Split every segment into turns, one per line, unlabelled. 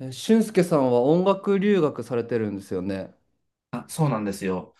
え、俊介さんは音楽留学されてるんですよね。
あ、そうなんですよ。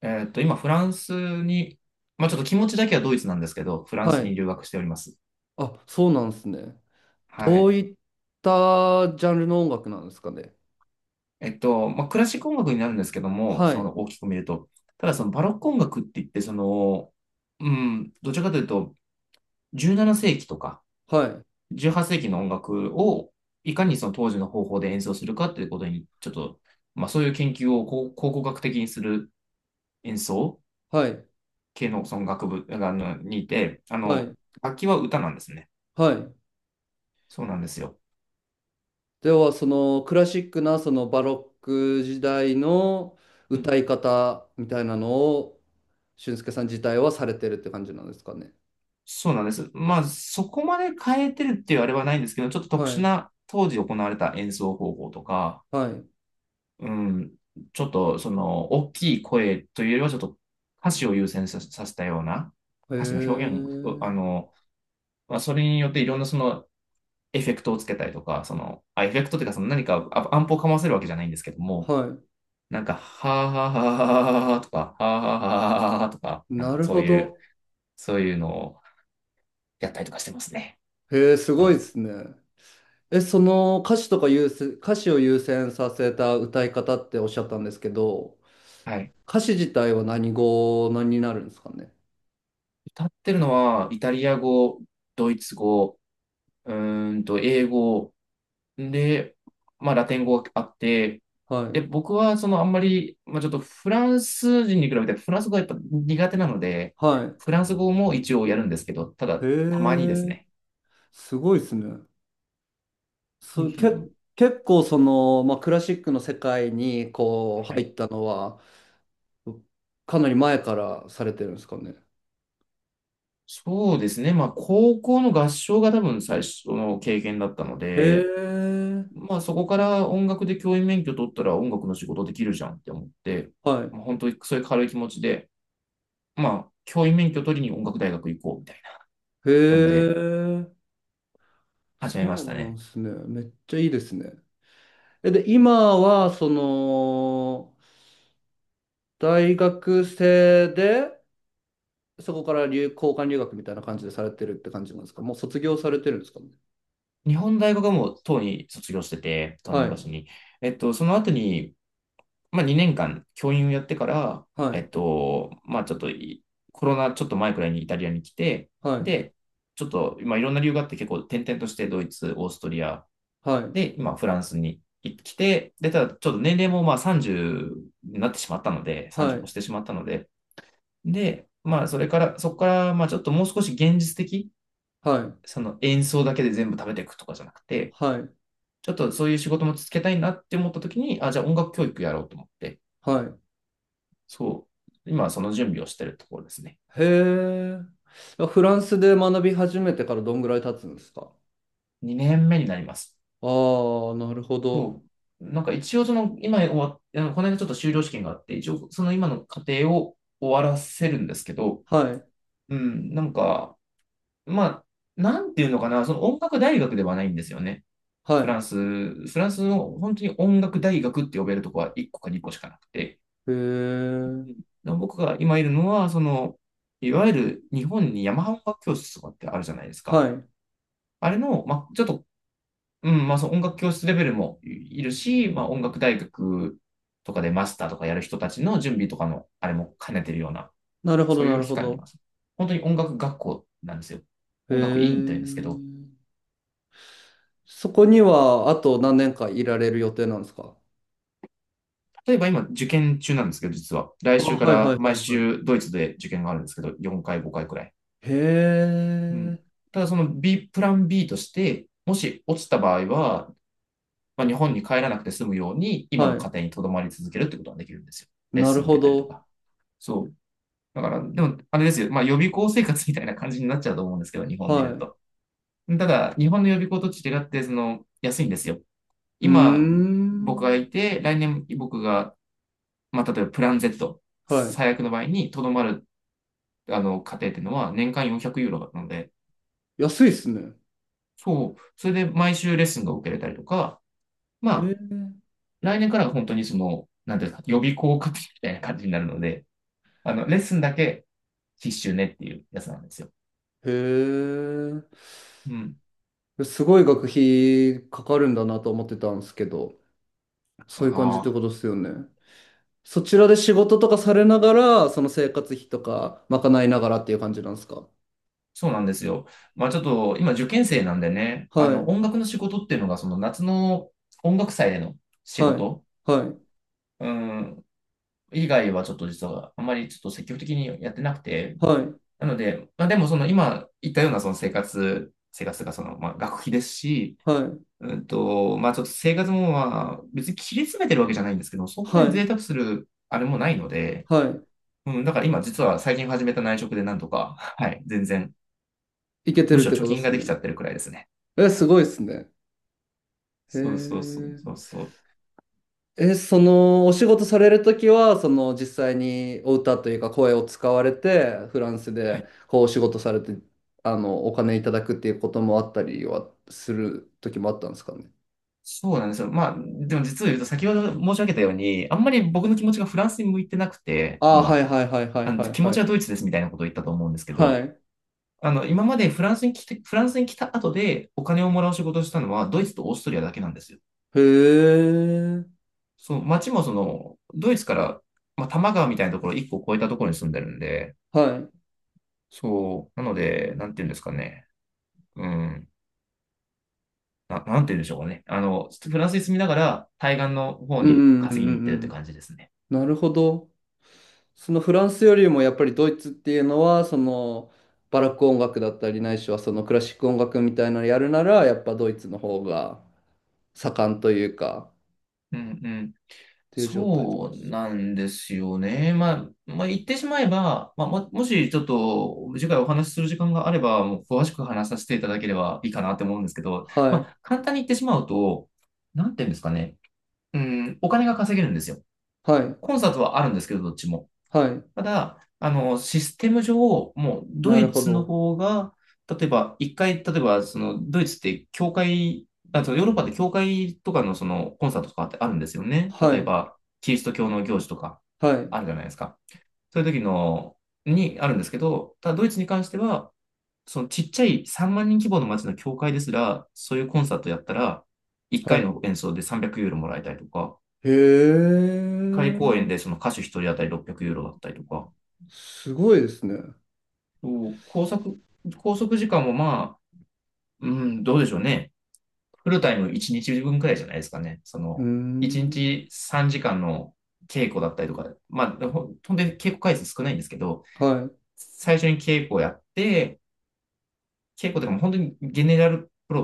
今、フランスに、まあ、ちょっと気持ちだけはドイツなんですけど、フラン
は
スに
い。
留学しております。
あ、そうなんですね。
は
ど
い。
ういったジャンルの音楽なんですかね。
まあ、クラシック音楽になるんですけども、
は
そ
い。
の大きく見ると。ただ、そのバロック音楽って言って、どちらかというと、17世紀とか
はい。
18世紀の音楽を、いかにその当時の方法で演奏するかということに、ちょっと、まあ、そういう研究を考古学的にする演奏
はい。
系のその学部あのにいて、あ
はい。
の、楽器は歌なんですね。
はい。
そうなんですよ。
では、そのクラシックな、そのバロック時代の
うん。
歌い方みたいなのを、俊介さん自体はされてるって感じなんですかね。
そうなんです。まあ、そこまで変えてるっていうあれはないんですけど、ちょっと特
は
殊
い。
な当時行われた演奏方法とか、
はい。
うん、ちょっとその大きい声というよりはちょっと歌詞を優先させたような
へ
歌詞の表現を、
え。
まあ、それによっていろんなそのエフェクトをつけたりとか、エフェクトっていうかその何かアンプをかませるわけじゃないんですけども、
は
なんか、はあはあはあはあはあとか、はあはあはあはあはあとか、
い。
なん
な
か
る
そう
ほ
いう、
ど。
そういうのをやったりとかしてますね。
へえ、す
そう
ご
なん
いで
です。
すね。え、その歌詞とか優先、歌詞を優先させた歌い方っておっしゃったんですけど、
はい。
歌詞自体は何語になるんですかね。
歌ってるのは、イタリア語、ドイツ語、英語、で、まあ、ラテン語があって、
は
で、
い。
僕は、あんまり、まあ、ちょっとフランス人に比べて、フランス語がやっぱ苦手なので、
は
フランス語も一応やるんですけど、た
い。へ
だ、たまにです
え、
ね。
すごいですね。
う
そ
んう
う、
ん
け、
うん、
結構その、まあ、クラシックの世界にこう
は
入
い、
ったのは、かなり前からされてるんですかね。
そうですね。まあ、高校の合唱が多分最初の経験だったの
へ
で、
え、
まあそこから音楽で教員免許取ったら音楽の仕事できるじゃんって思って、
はい。
まあ、本当にそういう軽い気持ちで、まあ教員免許取りに音楽大学行こうみたいな
へ
感じで
え、
始めま
そ
し
う
た
なん
ね。
ですね。めっちゃいいですね。え、で、今は、その、大学生で、そこから留、交換留学みたいな感じでされてるって感じなんですか？もう卒業されてるんですかね？
日本大学はもうとうに卒業してて、その
は
昔
い、
に。その後に、まあ2年間教員をやってから、
はい、
まあちょっといコロナちょっと前くらいにイタリアに来て、
はい、
で、ちょっと、まあいろんな理由があって結構転々としてドイツ、オーストリア、
はい、
で、今、フランスに来て、で、ただ、ちょっと年齢もまあ30になってしまったので、
は
30越
い、
してしまったので、で、まあ、それから、そこから、まあ、ちょっともう少し現実的、
はい、
その演奏だけで全部食べていくとかじゃなくて、
はい、
ちょっとそういう仕事も続けたいなって思った時に、あ、じゃあ音楽教育やろうと思って、
はい。
そう、今はその準備をしてるところですね。
へえ。フランスで学び始めてからどんぐらい経つんですか？
2年目になります。
ああー、なるほど。
そう。なんか一応その、今終わっ、あのこの間ちょっと修了試験があって、一応その今の過程を終わらせるんですけど、
はい、
うん、なんか、まあ、なんていうのかな、その音楽大学ではないんですよね。フ
は
ランス、フランスの本当に音楽大学って呼べるとこは1個か2個しかなくて、
い。へ
うん
え。
で僕が今いるのは、いわゆる日本に山マハ音楽教室とかってあるじゃないですか。
はい。
あれの、まあ、ちょっと、うん、まあ、その音楽教室レベルもいるし、まあ、音楽大学とかでマスターとかやる人たちの準備とかの、あれも兼ねてるような、
なるほ
そ
ど、
うい
な
う
る
機
ほ
会にいま
ど。
す。本当に音楽学校なんですよ。
へ
音楽院というんですけど、
え。そこには、あと何年かいられる予定なんですか？
例えば今、受験中なんですけど、実は。来
あ、
週か
はい、は
ら
い、
毎
はい、はい。
週ドイツで受験があるんですけど、4回、5回くらい。
へ
うん。
え、
ただ、プラン B として、もし落ちた場合は、まあ、日本に帰らなくて済むように、今の
は
家
い。
庭に留まり続けるってことができるんですよ。レッ
な
ス
る
ン受
ほ
けたりと
ど。
か。そう。だから、でも、あれですよ。まあ、予備校生活みたいな感じになっちゃうと思うんですけど、日本で
は
言う
い。
と。ただ、日本の予備校と違って、その、安いんですよ。
うー
今、僕が
ん。
いて、来年僕がまあ、例えばプラン Z、
は
最悪の場合にとどまる、あの、家庭っていうのは年間400ユーロだったので、
い。安いっすね。
そう、それで毎週レッスンが受けれたりとか、まあ、
へ
来年から本当にその、なんていうか、予備校家庭みたいな感じになるので、あの、レッスンだけ必修ねっていうやつなんですよ。
え、へ
うん。
え。すごい学費かかるんだなと思ってたんですけど、そ
あ
ういう感じってこ
あ、
とですよね。そちらで仕事とかされながら、その生活費とか賄いながらっていう感じなんですか？
そうなんですよ。まあちょっと、今受験生なんでね、あ
は
の、
い。
音楽の仕事っていうのが、その夏の音楽祭での仕
は
事、
い。はい。
うん、以外はちょっと実はあんまりちょっと積極的にやってなくて、
はい。
なので、まあでもその今言ったような生活がそのまあ学費ですし、
はい。
うんと、まあちょっと生活もまあ別に切り詰めてるわけじゃないんですけど、そんな
は
に
い。
贅沢するあれもないので、
は
うん、だから今実は最近始めた内職でなんとか、はい、全然、
い。いけて
む
るっ
しろ
て
貯
ことで
金が
す
で
ね。
きちゃってるくらいですね。
え、すごいっすね。へ
そうそうそう
え。
そうそう。
え、そのお仕事されるときは、その実際にお歌というか声を使われて、フランス
は
で
い。
こうお仕事されて、あの、お金いただくっていうこともあったりはするときもあったんですかね。
そうなんですよ。まあ、でも実を言うと先ほど申し上げたように、あんまり僕の気持ちがフランスに向いてなくて、
ああ、は
今、
いはいはいは
あ
い
の
はい
気持
は
ちは
い。
ドイツですみたいなことを言ったと思うんですけ
は
ど、
い。
あの、今までフランスに来て、フランスに来た後でお金をもらう仕事をしたのはドイツとオーストリアだけなんですよ。
へえ。
その街もその、ドイツから、まあ、多摩川みたいなところ1個越えたところに住んでるんで、
はい。
そう、なので、なんていうんですかね。うん。なんて言うんでしょうかね。あの、フランスに住みながら対岸の方
う
に
んうんう
稼ぎ
ん
に行っ
う
てるっ
んう
て
ん。
感じですね。
なるほど。そのフランスよりもやっぱりドイツっていうのは、そのバラック音楽だったりないしはそのクラシック音楽みたいなのやるなら、やっぱドイツの方が。盛んというか、
うんうん。
っていう状態。
そうなんですよね。まあ、言ってしまえば、まあ、もしちょっと次回お話しする時間があれば、もう詳しく話させていただければいいかなって思うんですけど、
は
ま
い、
あ、簡単に言ってしまうと、なんていうんですかね。うん、お金が稼げるんですよ。
はい、
コンサートはあるんですけど、どっちも。
はい。
ただ、あの、システム上、もうド
なる
イ
ほ
ツの
ど。
方が、例えば、一回、例えば、その、ドイツって、教会、あとヨーロッパで教会とかのそのコンサートとかってあるんですよね。
は
例え
い、
ば、キリスト教の行事とか、
はい、
あるじゃないですか。そういう時の、にあるんですけど、ただドイツに関しては、そのちっちゃい3万人規模の街の教会ですら、そういうコンサートやったら、1回
は
の演奏で300ユーロもらえたりとか、
い。へ
1回公演
え、
でその歌手1人当たり600ユーロだったりとか、
すごいですね。う
そう拘束、拘束時間もまあ、うん、どうでしょうね。フルタイム1日分くらいじゃないですかね。そ
ー
の、1
ん。
日3時間の稽古だったりとか、まあ、ほんとに稽古回数少ないんですけど、
は
最初に稽古をやって、稽古とかも本当にゲネラルプロ、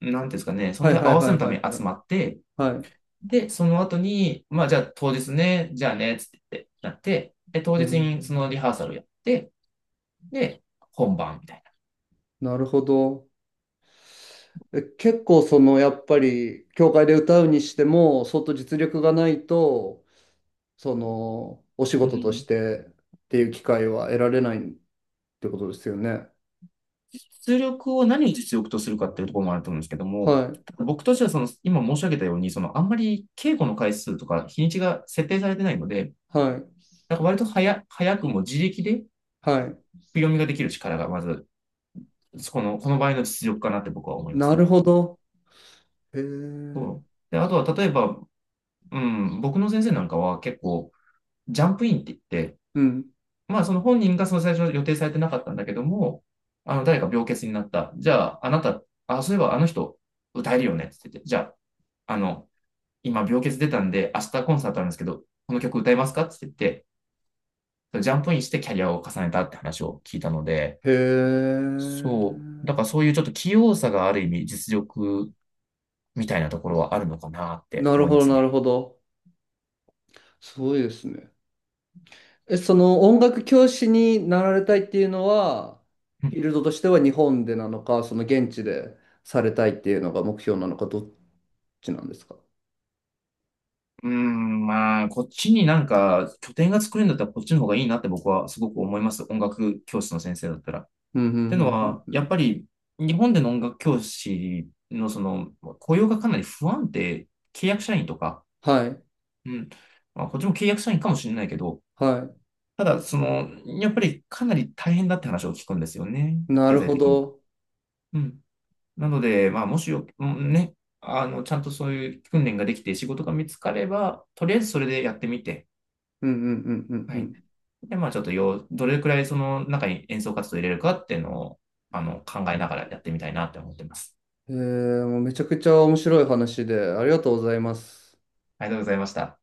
なんていうんですかね、そ
い、は
の
い、
時
は
合
い、
わせ
はい、
のた
は
めに
い、
集まって、
はい。は
で、その後に、まあ、じゃあ当日ね、じゃあね、つって言って、なって、で、当
い。へ
日にそのリハ
え、
ーサルやって、で、本番みたい
なるほど。え、結構その、やっぱり、教会で歌うにしても、相当実力がないと、その、お仕
な。う
事とし
ん、
てっていう機会は得られないってことですよね。
実力を何を実力とするかっていうところもあると思うんですけど
は
も、
い、
僕としてはその、今申し上げたように、その、あんまり稽古の回数とか日にちが設定されてないので、
はい。
なんか割と早くも自力で振り
はい、
読みができる力がまず、この場合の実力かなって僕は思います
な
ね。
るほど。へえ。
そう。で、あとは例えば、うん、僕の先生なんかは結構、ジャンプインって言って、
うん。
まあその本人がその最初予定されてなかったんだけども、あの、誰か病欠になった。じゃあ、あなた、あ、そういえばあの人歌えるよねって言って、じゃあ、あの、今病欠出たんで、明日コンサートあるんですけど、この曲歌えますかって言って、ジャンプインしてキャリアを重ねたって話を聞いたので、
へえ。
そう、だからそういうちょっと器用さがある意味実力みたいなところはあるのかなって
なる
思い
ほ
ま
ど、
す
なる
ね。
ほど。すごいですね。え、その音楽教師になられたいっていうのは、フィールドとしては日本でなのか、その現地でされたいっていうのが目標なのか、どっちなんですか？
うーん、まあ、こっちになんか拠点が作れるんだったらこっちの方がいいなって僕はすごく思います。音楽教室の先生だったら。っ
うん、うん、うん、
てのは、
うん。う
やっ
ん、
ぱり日本での音楽教師のその雇用がかなり不安定、契約社員とか、
はい、
うん。まあ、こっちも契約社員かもしれないけど、
は
ただ、その、やっぱりかなり大変だって話を聞くんですよね。
い。な
経
る
済
ほ
的に。
ど。
うん。なので、まあ、もしよ、うんね、あの、ちゃんとそういう訓練ができて仕事が見つかれば、とりあえずそれでやってみて、
うん、うん、うん、
は
う
い。
ん、
で、まあ、ちょっとよ、どれくらいその中に演奏活動を入れるかっていうのを、あの、考えながらやってみたいなって思ってます。
うん。えー、もうめちゃくちゃ面白い話で、ありがとうございます。
ありがとうございました。